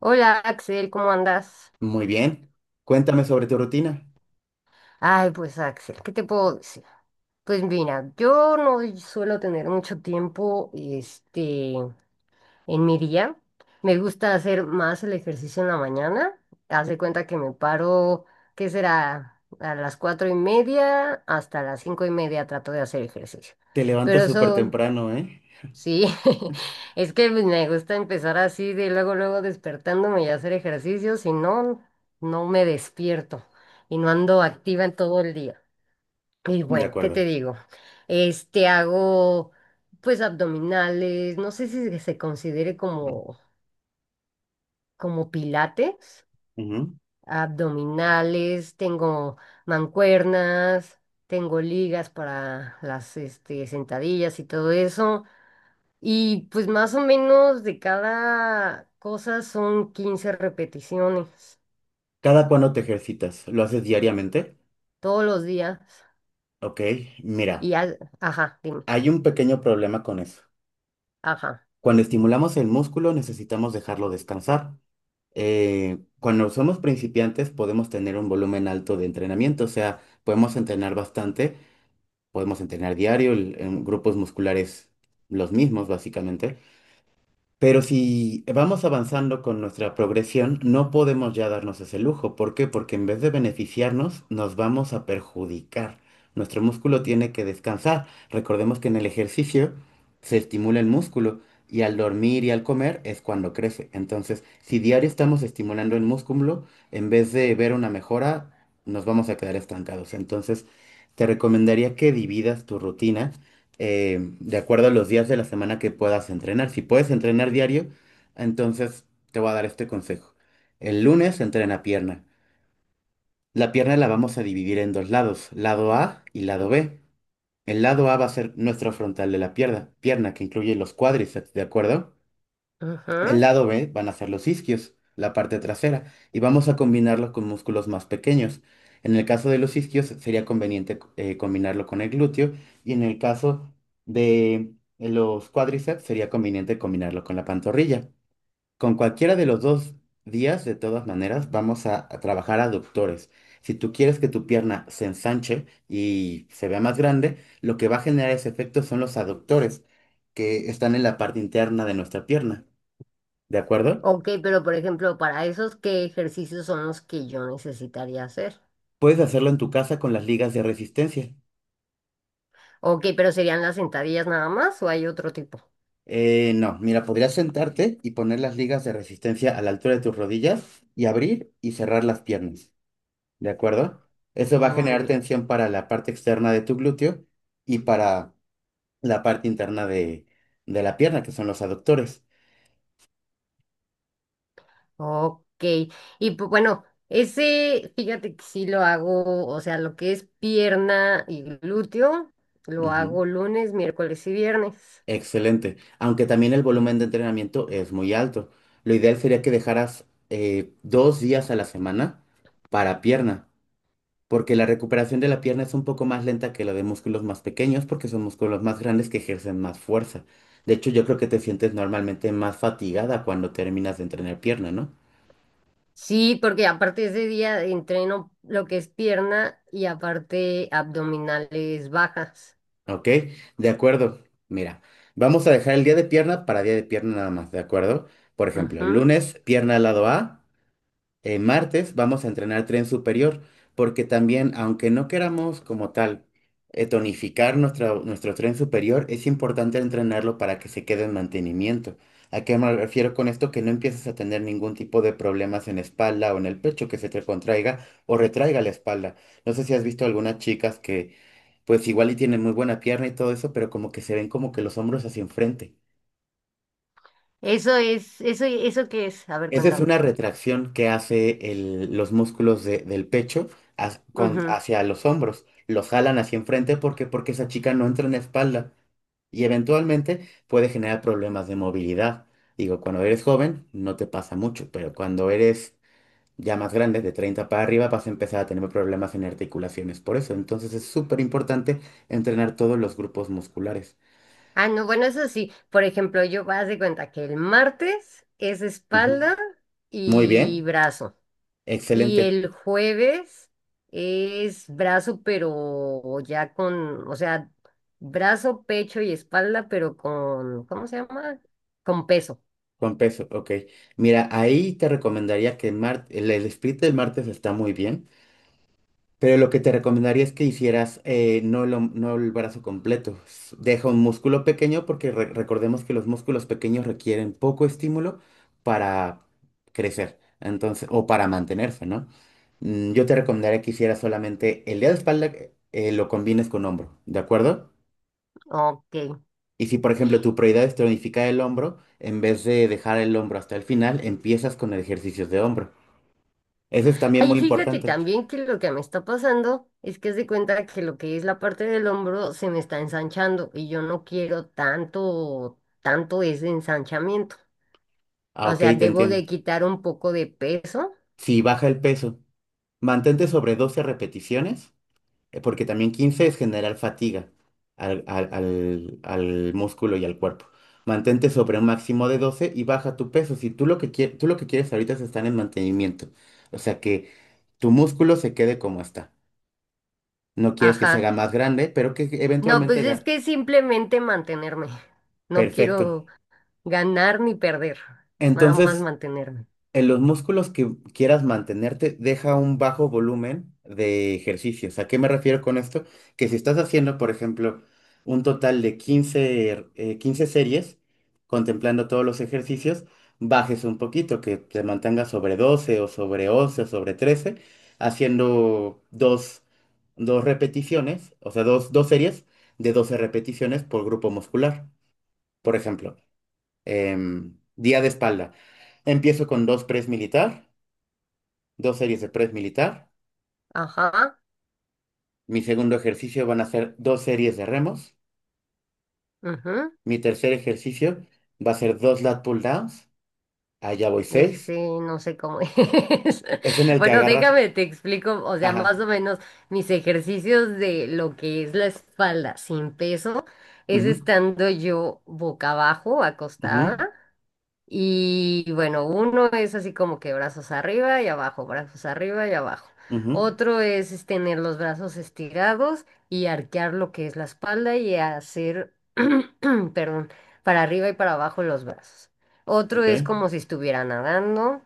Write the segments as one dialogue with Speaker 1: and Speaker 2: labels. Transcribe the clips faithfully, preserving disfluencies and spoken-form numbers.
Speaker 1: Hola Axel, ¿cómo andas?
Speaker 2: Muy bien. Cuéntame sobre tu rutina.
Speaker 1: Ay, pues Axel, ¿qué te puedo decir? Pues mira, yo no suelo tener mucho tiempo, este, en mi día. Me gusta hacer más el ejercicio en la mañana. Haz de cuenta que me paro, ¿qué será? A las cuatro y media hasta las cinco y media trato de hacer ejercicio.
Speaker 2: Te levantas
Speaker 1: Pero
Speaker 2: súper
Speaker 1: son
Speaker 2: temprano, ¿eh?
Speaker 1: sí, es que me gusta empezar así de luego, luego despertándome y hacer ejercicio, si no, no me despierto y no ando activa en todo el día. Y
Speaker 2: De
Speaker 1: bueno, ¿qué te
Speaker 2: acuerdo.
Speaker 1: digo? Este hago pues abdominales, no sé si se considere como, como pilates,
Speaker 2: Ujú.
Speaker 1: abdominales, tengo mancuernas, tengo ligas para las este, sentadillas y todo eso. Y pues más o menos de cada cosa son quince repeticiones
Speaker 2: ¿Cada cuándo te ejercitas? ¿Lo haces diariamente?
Speaker 1: todos los días.
Speaker 2: Ok, mira,
Speaker 1: Y al- ajá, dime,
Speaker 2: hay un pequeño problema con eso.
Speaker 1: ajá.
Speaker 2: Cuando estimulamos el músculo necesitamos dejarlo descansar. Eh, cuando somos principiantes podemos tener un volumen alto de entrenamiento, o sea, podemos entrenar bastante, podemos entrenar diario, el- en grupos musculares los mismos básicamente. Pero si vamos avanzando con nuestra progresión, no podemos ya darnos ese lujo. ¿Por qué? Porque en vez de beneficiarnos, nos vamos a perjudicar. Nuestro músculo tiene que descansar. Recordemos que en el ejercicio se estimula el músculo y al dormir y al comer es cuando crece. Entonces, si diario estamos estimulando el músculo, en vez de ver una mejora, nos vamos a quedar estancados. Entonces, te recomendaría que dividas tu rutina eh, de acuerdo a los días de la semana que puedas entrenar. Si puedes entrenar diario, entonces te voy a dar este consejo. El lunes entrena pierna. La pierna la vamos a dividir en dos lados, lado A y lado B. El lado A va a ser nuestro frontal de la pierna, pierna que incluye los cuádriceps, ¿de acuerdo? El
Speaker 1: Ajá.
Speaker 2: lado B van a ser los isquios, la parte trasera, y vamos a combinarlo con músculos más pequeños. En el caso de los isquios sería conveniente eh, combinarlo con el glúteo y en el caso de los cuádriceps sería conveniente combinarlo con la pantorrilla. Con cualquiera de los dos días, de todas maneras, vamos a, a trabajar aductores. Si tú quieres que tu pierna se ensanche y se vea más grande, lo que va a generar ese efecto son los aductores que están en la parte interna de nuestra pierna. ¿De acuerdo?
Speaker 1: Ok, pero por ejemplo, para esos, ¿qué ejercicios son los que yo necesitaría hacer?
Speaker 2: Puedes hacerlo en tu casa con las ligas de resistencia.
Speaker 1: Ok, pero ¿serían las sentadillas nada más o hay otro tipo?
Speaker 2: Eh, no, mira, podrías sentarte y poner las ligas de resistencia a la altura de tus rodillas y abrir y cerrar las piernas, ¿de acuerdo? Eso va a
Speaker 1: Muy
Speaker 2: generar
Speaker 1: bien.
Speaker 2: tensión para la parte externa de tu glúteo y para la parte interna de, de la pierna, que son los aductores.
Speaker 1: Ok. Y pues bueno, ese, fíjate que sí lo hago, o sea, lo que es pierna y glúteo, lo
Speaker 2: Ujú.
Speaker 1: hago lunes, miércoles y viernes.
Speaker 2: Excelente. Aunque también el volumen de entrenamiento es muy alto. Lo ideal sería que dejaras eh, dos días a la semana para pierna, porque la recuperación de la pierna es un poco más lenta que la de músculos más pequeños, porque son músculos más grandes que ejercen más fuerza. De hecho, yo creo que te sientes normalmente más fatigada cuando terminas de entrenar pierna, ¿no?
Speaker 1: Sí, porque aparte ese día entreno lo que es pierna y aparte abdominales bajas.
Speaker 2: Ok, de acuerdo. Mira, vamos a dejar el día de pierna para día de pierna nada más, ¿de acuerdo? Por ejemplo,
Speaker 1: Ujú.
Speaker 2: lunes, pierna al lado A. eh, martes vamos a entrenar tren superior, porque también, aunque no queramos como tal eh, tonificar nuestro, nuestro tren superior, es importante entrenarlo para que se quede en mantenimiento. ¿A qué me refiero con esto? Que no empieces a tener ningún tipo de problemas en espalda o en el pecho que se te contraiga o retraiga la espalda. No sé si has visto algunas chicas que pues igual y tienen muy buena pierna y todo eso, pero como que se ven como que los hombros hacia enfrente.
Speaker 1: Eso es, eso, ¿eso qué es? A ver,
Speaker 2: Esa es
Speaker 1: cuéntame.
Speaker 2: una retracción que hace el- los músculos de- del pecho ha- con-
Speaker 1: Ujú.
Speaker 2: hacia los hombros. Los jalan hacia enfrente porque, porque esa chica no entra en espalda y eventualmente puede generar problemas de movilidad. Digo, cuando eres joven no te pasa mucho, pero cuando eres ya más grande, de treinta para arriba, vas a empezar a tener problemas en articulaciones. Por eso, entonces es súper importante entrenar todos los grupos musculares.
Speaker 1: Ah, no, bueno, eso sí. Por ejemplo, yo haz de cuenta que el martes es
Speaker 2: Ujú.
Speaker 1: espalda
Speaker 2: Muy
Speaker 1: y
Speaker 2: bien,
Speaker 1: brazo. Y
Speaker 2: excelente.
Speaker 1: el jueves es brazo, pero ya con, o sea, brazo, pecho y espalda, pero con, ¿cómo se llama? Con peso.
Speaker 2: Con peso, ok. Mira, ahí te recomendaría que mar- el, el split del martes está muy bien, pero lo que te recomendaría es que hicieras eh, no, lo no el brazo completo. S- Deja un músculo pequeño porque re- recordemos que los músculos pequeños requieren poco estímulo para crecer, entonces, o para mantenerse, ¿no? Mm, yo te recomendaría que hicieras solamente el día de espalda, eh, lo combines con hombro, ¿de acuerdo?
Speaker 1: Ok.
Speaker 2: Y si, por ejemplo, tu prioridad es tonificar el hombro, en vez de dejar el hombro hasta el final, empiezas con ejercicios de hombro. Eso es también
Speaker 1: Ay,
Speaker 2: muy
Speaker 1: fíjate
Speaker 2: importante.
Speaker 1: también que lo que me está pasando es que haz de cuenta que lo que es la parte del hombro se me está ensanchando y yo no quiero tanto, tanto ese ensanchamiento.
Speaker 2: Ah,
Speaker 1: O
Speaker 2: ok,
Speaker 1: sea,
Speaker 2: te
Speaker 1: debo
Speaker 2: entiendo.
Speaker 1: de quitar un poco de peso.
Speaker 2: Si baja el peso, mantente sobre doce repeticiones, eh, porque también quince es generar fatiga al, al- al- al músculo y al cuerpo. Mantente sobre un máximo de doce y baja tu peso. Si tú lo que quie- tú lo que quieres ahorita es estar en mantenimiento, o sea que tu músculo se quede como está. No quieres que se haga
Speaker 1: Ajá.
Speaker 2: más grande, pero que
Speaker 1: No,
Speaker 2: eventualmente.
Speaker 1: pues es que simplemente mantenerme. No
Speaker 2: Perfecto.
Speaker 1: quiero ganar ni perder. Nada más
Speaker 2: Entonces,
Speaker 1: mantenerme.
Speaker 2: en los músculos que quieras mantenerte, deja un bajo volumen de ejercicios. ¿A qué me refiero con esto? Que si estás haciendo, por ejemplo, un total de quince er, eh, quince series, contemplando todos los ejercicios, bajes un poquito, que te mantengas sobre doce o sobre once o sobre trece, haciendo dos, dos repeticiones, o sea, dos, dos series de doce repeticiones por grupo muscular. Por ejemplo. Em, día de espalda. Empiezo con dos press militar, dos series de press militar.
Speaker 1: Ajá.
Speaker 2: Mi segundo ejercicio van a ser dos series de remos.
Speaker 1: Ujú.
Speaker 2: Mi tercer ejercicio va a ser dos lat pull downs. Allá voy seis.
Speaker 1: Ese no sé cómo es.
Speaker 2: Es en el que
Speaker 1: Bueno,
Speaker 2: agarras.
Speaker 1: déjame, te explico, o sea, más
Speaker 2: Ajá.
Speaker 1: o menos mis ejercicios de lo que es la espalda sin peso es
Speaker 2: Ujú,
Speaker 1: estando yo boca abajo,
Speaker 2: ujú,
Speaker 1: acostada. Y bueno, uno es así como que brazos arriba y abajo, brazos arriba y abajo.
Speaker 2: ujú.
Speaker 1: Otro es es tener los brazos estirados y arquear lo que es la espalda y hacer, perdón, para arriba y para abajo los brazos. Otro
Speaker 2: Ok.
Speaker 1: es como si estuviera nadando.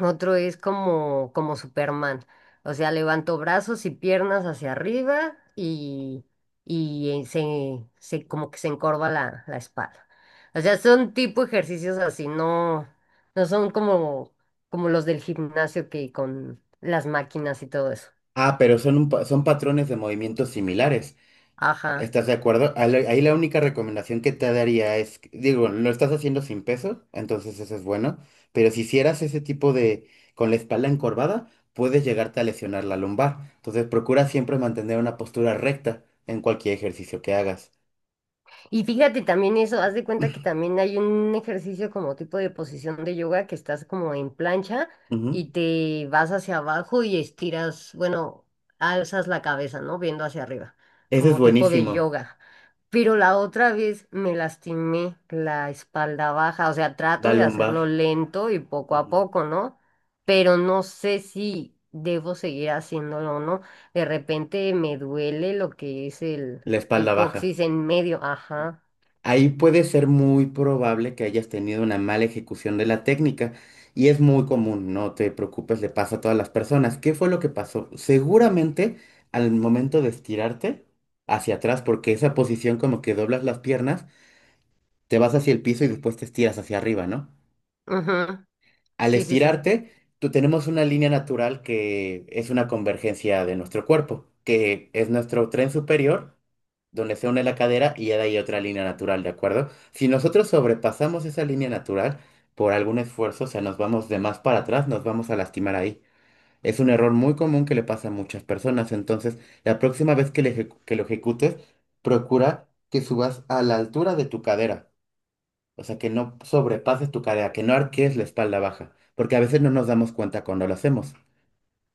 Speaker 1: Otro es como, como Superman. O sea, levanto brazos y piernas hacia arriba y, y eh, se, se- como que se encorva la, la espalda. O sea, son tipo ejercicios así, no, no son como, como los del gimnasio que con las máquinas y todo eso.
Speaker 2: Ah, pero son, un pa- son patrones de movimientos similares.
Speaker 1: Ajá.
Speaker 2: ¿Estás de acuerdo? A la- Ahí la única recomendación que te daría es, que- digo, lo estás haciendo sin peso, entonces eso es bueno, pero si hicieras ese tipo de, con la espalda encorvada, puedes llegarte a lesionar la lumbar. Entonces procura siempre mantener una postura recta en cualquier ejercicio que hagas.
Speaker 1: Y fíjate también eso, haz de cuenta que también hay un ejercicio como tipo de posición de yoga que estás como en plancha
Speaker 2: Ujú.
Speaker 1: y te vas hacia abajo y estiras, bueno, alzas la cabeza, ¿no? Viendo hacia arriba,
Speaker 2: Ese es
Speaker 1: como tipo de
Speaker 2: buenísimo,
Speaker 1: yoga. Pero la otra vez me lastimé la espalda baja, o sea, trato
Speaker 2: la
Speaker 1: de
Speaker 2: lumbar.
Speaker 1: hacerlo lento y poco a
Speaker 2: Ujú.
Speaker 1: poco, ¿no? Pero no sé si debo seguir haciéndolo o no. De repente me duele lo que es
Speaker 2: La
Speaker 1: el
Speaker 2: espalda baja.
Speaker 1: coxis en medio, ajá.
Speaker 2: Ahí puede ser muy probable que hayas tenido una mala ejecución de la técnica y es muy común, no te preocupes, le pasa a todas las personas. ¿Qué fue lo que pasó? Seguramente al momento de estirarte hacia atrás, porque esa posición como que doblas las piernas, te vas hacia el piso y después te estiras hacia arriba, ¿no?
Speaker 1: Ujú.
Speaker 2: Al
Speaker 1: Sí, sí, sí.
Speaker 2: estirarte, tú tenemos una línea natural que es una convergencia de nuestro cuerpo, que es nuestro tren superior, donde se une la cadera y ya de ahí otra línea natural, ¿de acuerdo? Si nosotros sobrepasamos esa línea natural por algún esfuerzo, o sea, nos vamos de más para atrás, nos vamos a lastimar ahí. Es un error muy común que le pasa a muchas personas, entonces la próxima vez que, le ejecu- que lo ejecutes, procura que subas a la altura de tu cadera. O sea, que no sobrepases tu cadera, que no arquees la espalda baja, porque a veces no nos damos cuenta cuando lo hacemos.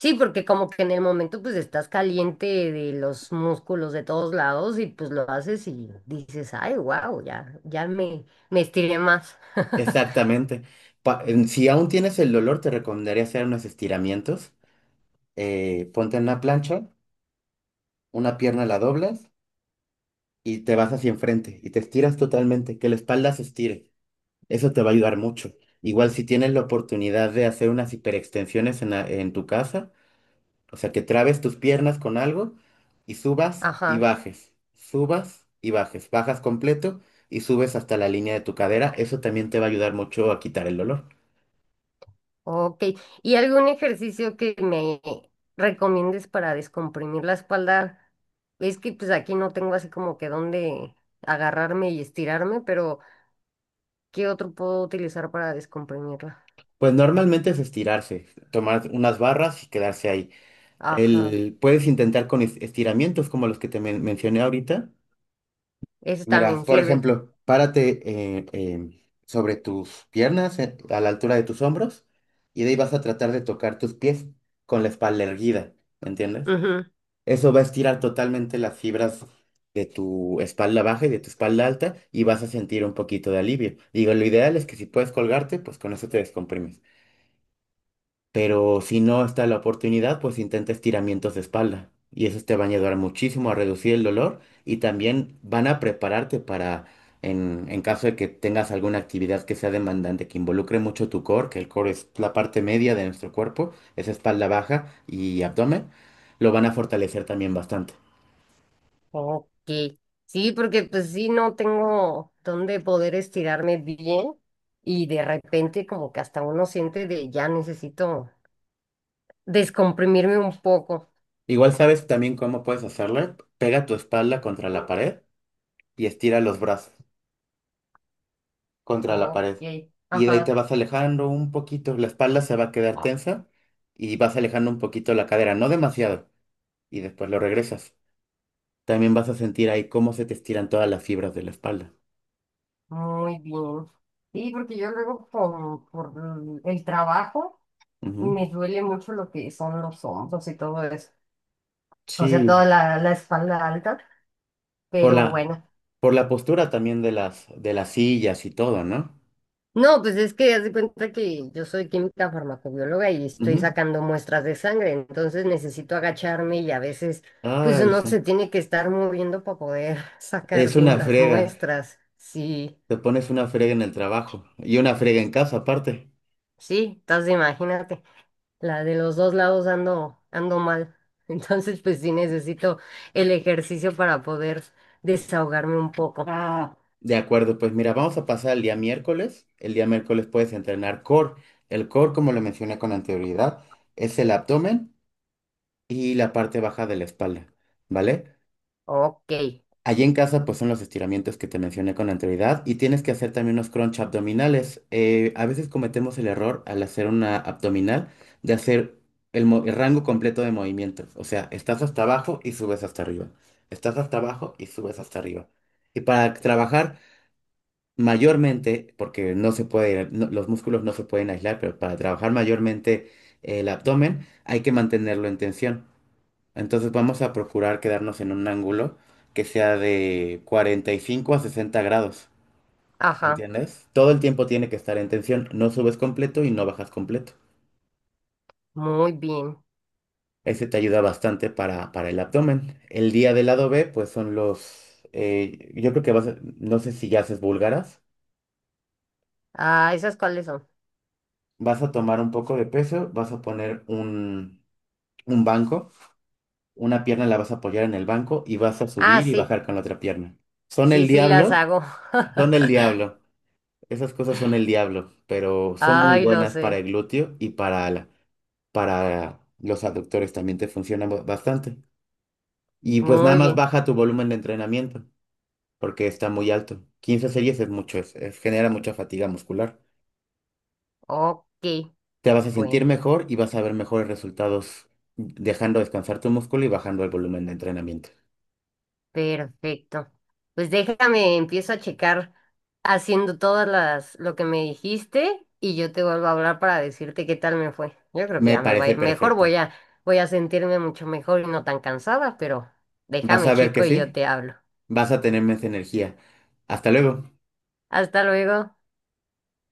Speaker 1: Sí, porque como que en el momento pues estás caliente de los músculos de todos lados y pues lo haces y dices, ay, wow, ya, ya me, me estiré más.
Speaker 2: Exactamente. Pa- en- si aún tienes el dolor, te recomendaría hacer unos estiramientos. Eh, ponte en una plancha, una pierna la doblas y te vas hacia enfrente y te estiras totalmente, que la espalda se estire. Eso te va a ayudar mucho. Igual si tienes la oportunidad de hacer unas hiperextensiones en, la- en tu casa. O sea, que trabes tus piernas con algo y subas y
Speaker 1: Ajá,
Speaker 2: bajes, subas y bajes, bajas completo y subes hasta la línea de tu cadera. Eso también te va a ayudar mucho a quitar el dolor.
Speaker 1: ok. ¿Y algún ejercicio que me recomiendes para descomprimir la espalda? Es que pues aquí no tengo así como que dónde agarrarme y estirarme, pero ¿qué otro puedo utilizar para descomprimirla?
Speaker 2: Pues normalmente es estirarse, tomar unas barras y quedarse ahí.
Speaker 1: Ajá.
Speaker 2: El, puedes intentar con es- estiramientos como los que te men- mencioné ahorita.
Speaker 1: Eso
Speaker 2: Mira,
Speaker 1: también
Speaker 2: por
Speaker 1: sirve.
Speaker 2: ejemplo, párate eh, em, sobre tus piernas, eh, a la altura de tus hombros, y de ahí vas a tratar de tocar tus pies con la espalda erguida, ¿me entiendes?
Speaker 1: Ujú.
Speaker 2: Eso va a estirar totalmente las fibras de tu espalda baja y de tu espalda alta y vas a sentir un poquito de alivio. Digo, lo ideal es que si puedes colgarte, pues con eso te descomprimes. Pero si no está la oportunidad, pues intenta estiramientos de espalda. Y esos te van a ayudar muchísimo a reducir el dolor y también van a prepararte para, en, en caso de que tengas alguna actividad que sea demandante, que involucre mucho tu core, que el core es la parte media de nuestro cuerpo, es espalda baja y abdomen, lo van a fortalecer también bastante.
Speaker 1: Ok. Sí, porque pues sí, no tengo dónde poder estirarme bien y de repente como que hasta uno siente de ya necesito descomprimirme un poco.
Speaker 2: Igual sabes también cómo puedes hacerle. Pega tu espalda contra la pared y estira los brazos contra la
Speaker 1: Ok,
Speaker 2: pared. Y de ahí te
Speaker 1: ajá.
Speaker 2: vas alejando un poquito. La espalda se va a quedar
Speaker 1: Ah,
Speaker 2: tensa y vas alejando un poquito la cadera, no demasiado. Y después lo regresas. También vas a sentir ahí cómo se te estiran todas las fibras de la espalda.
Speaker 1: muy bien. Sí, porque yo luego por, por el trabajo
Speaker 2: Ujú.
Speaker 1: me duele mucho lo que son los hombros y todo eso. O sea, toda
Speaker 2: Sí,
Speaker 1: la, la espalda alta,
Speaker 2: por
Speaker 1: pero
Speaker 2: la,
Speaker 1: bueno.
Speaker 2: por la postura también de las, de las sillas y todo, ¿no?
Speaker 1: No, pues es que haz de cuenta que yo soy química farmacobióloga y estoy
Speaker 2: Ujú.
Speaker 1: sacando muestras de sangre, entonces necesito agacharme y a veces pues
Speaker 2: Ay,
Speaker 1: uno se
Speaker 2: sí.
Speaker 1: tiene que estar moviendo para poder sacar
Speaker 2: Es una
Speaker 1: bien las
Speaker 2: frega.
Speaker 1: muestras. Sí,
Speaker 2: Te pones una frega en el trabajo y una frega en casa aparte.
Speaker 1: sí, entonces imagínate, la de los dos lados ando, ando mal. Entonces pues sí necesito el ejercicio para poder desahogarme un poco. Ah.
Speaker 2: De acuerdo, pues mira, vamos a pasar el día miércoles. El día miércoles puedes entrenar core. El core, como lo mencioné con anterioridad, es el abdomen y la parte baja de la espalda, ¿vale?
Speaker 1: Ok,
Speaker 2: Allí en casa, pues son los estiramientos que te mencioné con anterioridad y tienes que hacer también unos crunch abdominales. Eh, a veces cometemos el error al hacer una abdominal de hacer el, mo- el rango completo de movimientos. O sea, estás hasta abajo y subes hasta arriba. Estás hasta abajo y subes hasta arriba. Y para trabajar mayormente, porque no se puede, no- los músculos no se pueden aislar, pero para trabajar mayormente el abdomen hay que mantenerlo en tensión. Entonces vamos a procurar quedarnos en un ángulo que sea de cuarenta y cinco a sesenta grados, ¿me
Speaker 1: ajá,
Speaker 2: entiendes? Todo el tiempo tiene que estar en tensión, no subes completo y no bajas completo.
Speaker 1: muy bien.
Speaker 2: Ese te ayuda bastante para, para el abdomen. El día del lado B, pues son los, eh, yo creo que vas a- no sé si ya haces búlgaras.
Speaker 1: Ah, ¿esas cuáles son?
Speaker 2: Vas a tomar un poco de peso, vas a poner un, un banco, una pierna la vas a apoyar en el banco y vas a
Speaker 1: Ah,
Speaker 2: subir y
Speaker 1: sí.
Speaker 2: bajar con la otra pierna. Son
Speaker 1: Sí,
Speaker 2: el
Speaker 1: sí las
Speaker 2: diablo,
Speaker 1: hago.
Speaker 2: son el diablo. Esas cosas son el diablo, pero son muy
Speaker 1: Ay, lo
Speaker 2: buenas para
Speaker 1: sé.
Speaker 2: el glúteo y para, la- para los aductores también te funcionan ba- bastante. Y pues nada
Speaker 1: Muy
Speaker 2: más
Speaker 1: bien.
Speaker 2: baja tu volumen de entrenamiento, porque está muy alto. Quince series es mucho, es- es- genera mucha fatiga muscular.
Speaker 1: Ok,
Speaker 2: Te vas a sentir
Speaker 1: bueno,
Speaker 2: mejor y vas a ver mejores resultados dejando descansar tu músculo y bajando el volumen de entrenamiento.
Speaker 1: perfecto. Pues déjame, empiezo a checar haciendo todas las lo que me dijiste y yo te vuelvo a hablar para decirte qué tal me fue. Yo creo que
Speaker 2: Me
Speaker 1: ya me va a
Speaker 2: parece
Speaker 1: ir mejor,
Speaker 2: perfecto.
Speaker 1: voy a voy a sentirme mucho mejor y no tan cansada, pero
Speaker 2: Vas
Speaker 1: déjame
Speaker 2: a ver que
Speaker 1: checo y yo
Speaker 2: sí,
Speaker 1: te hablo.
Speaker 2: vas a tener más energía. Hasta luego.
Speaker 1: Hasta luego.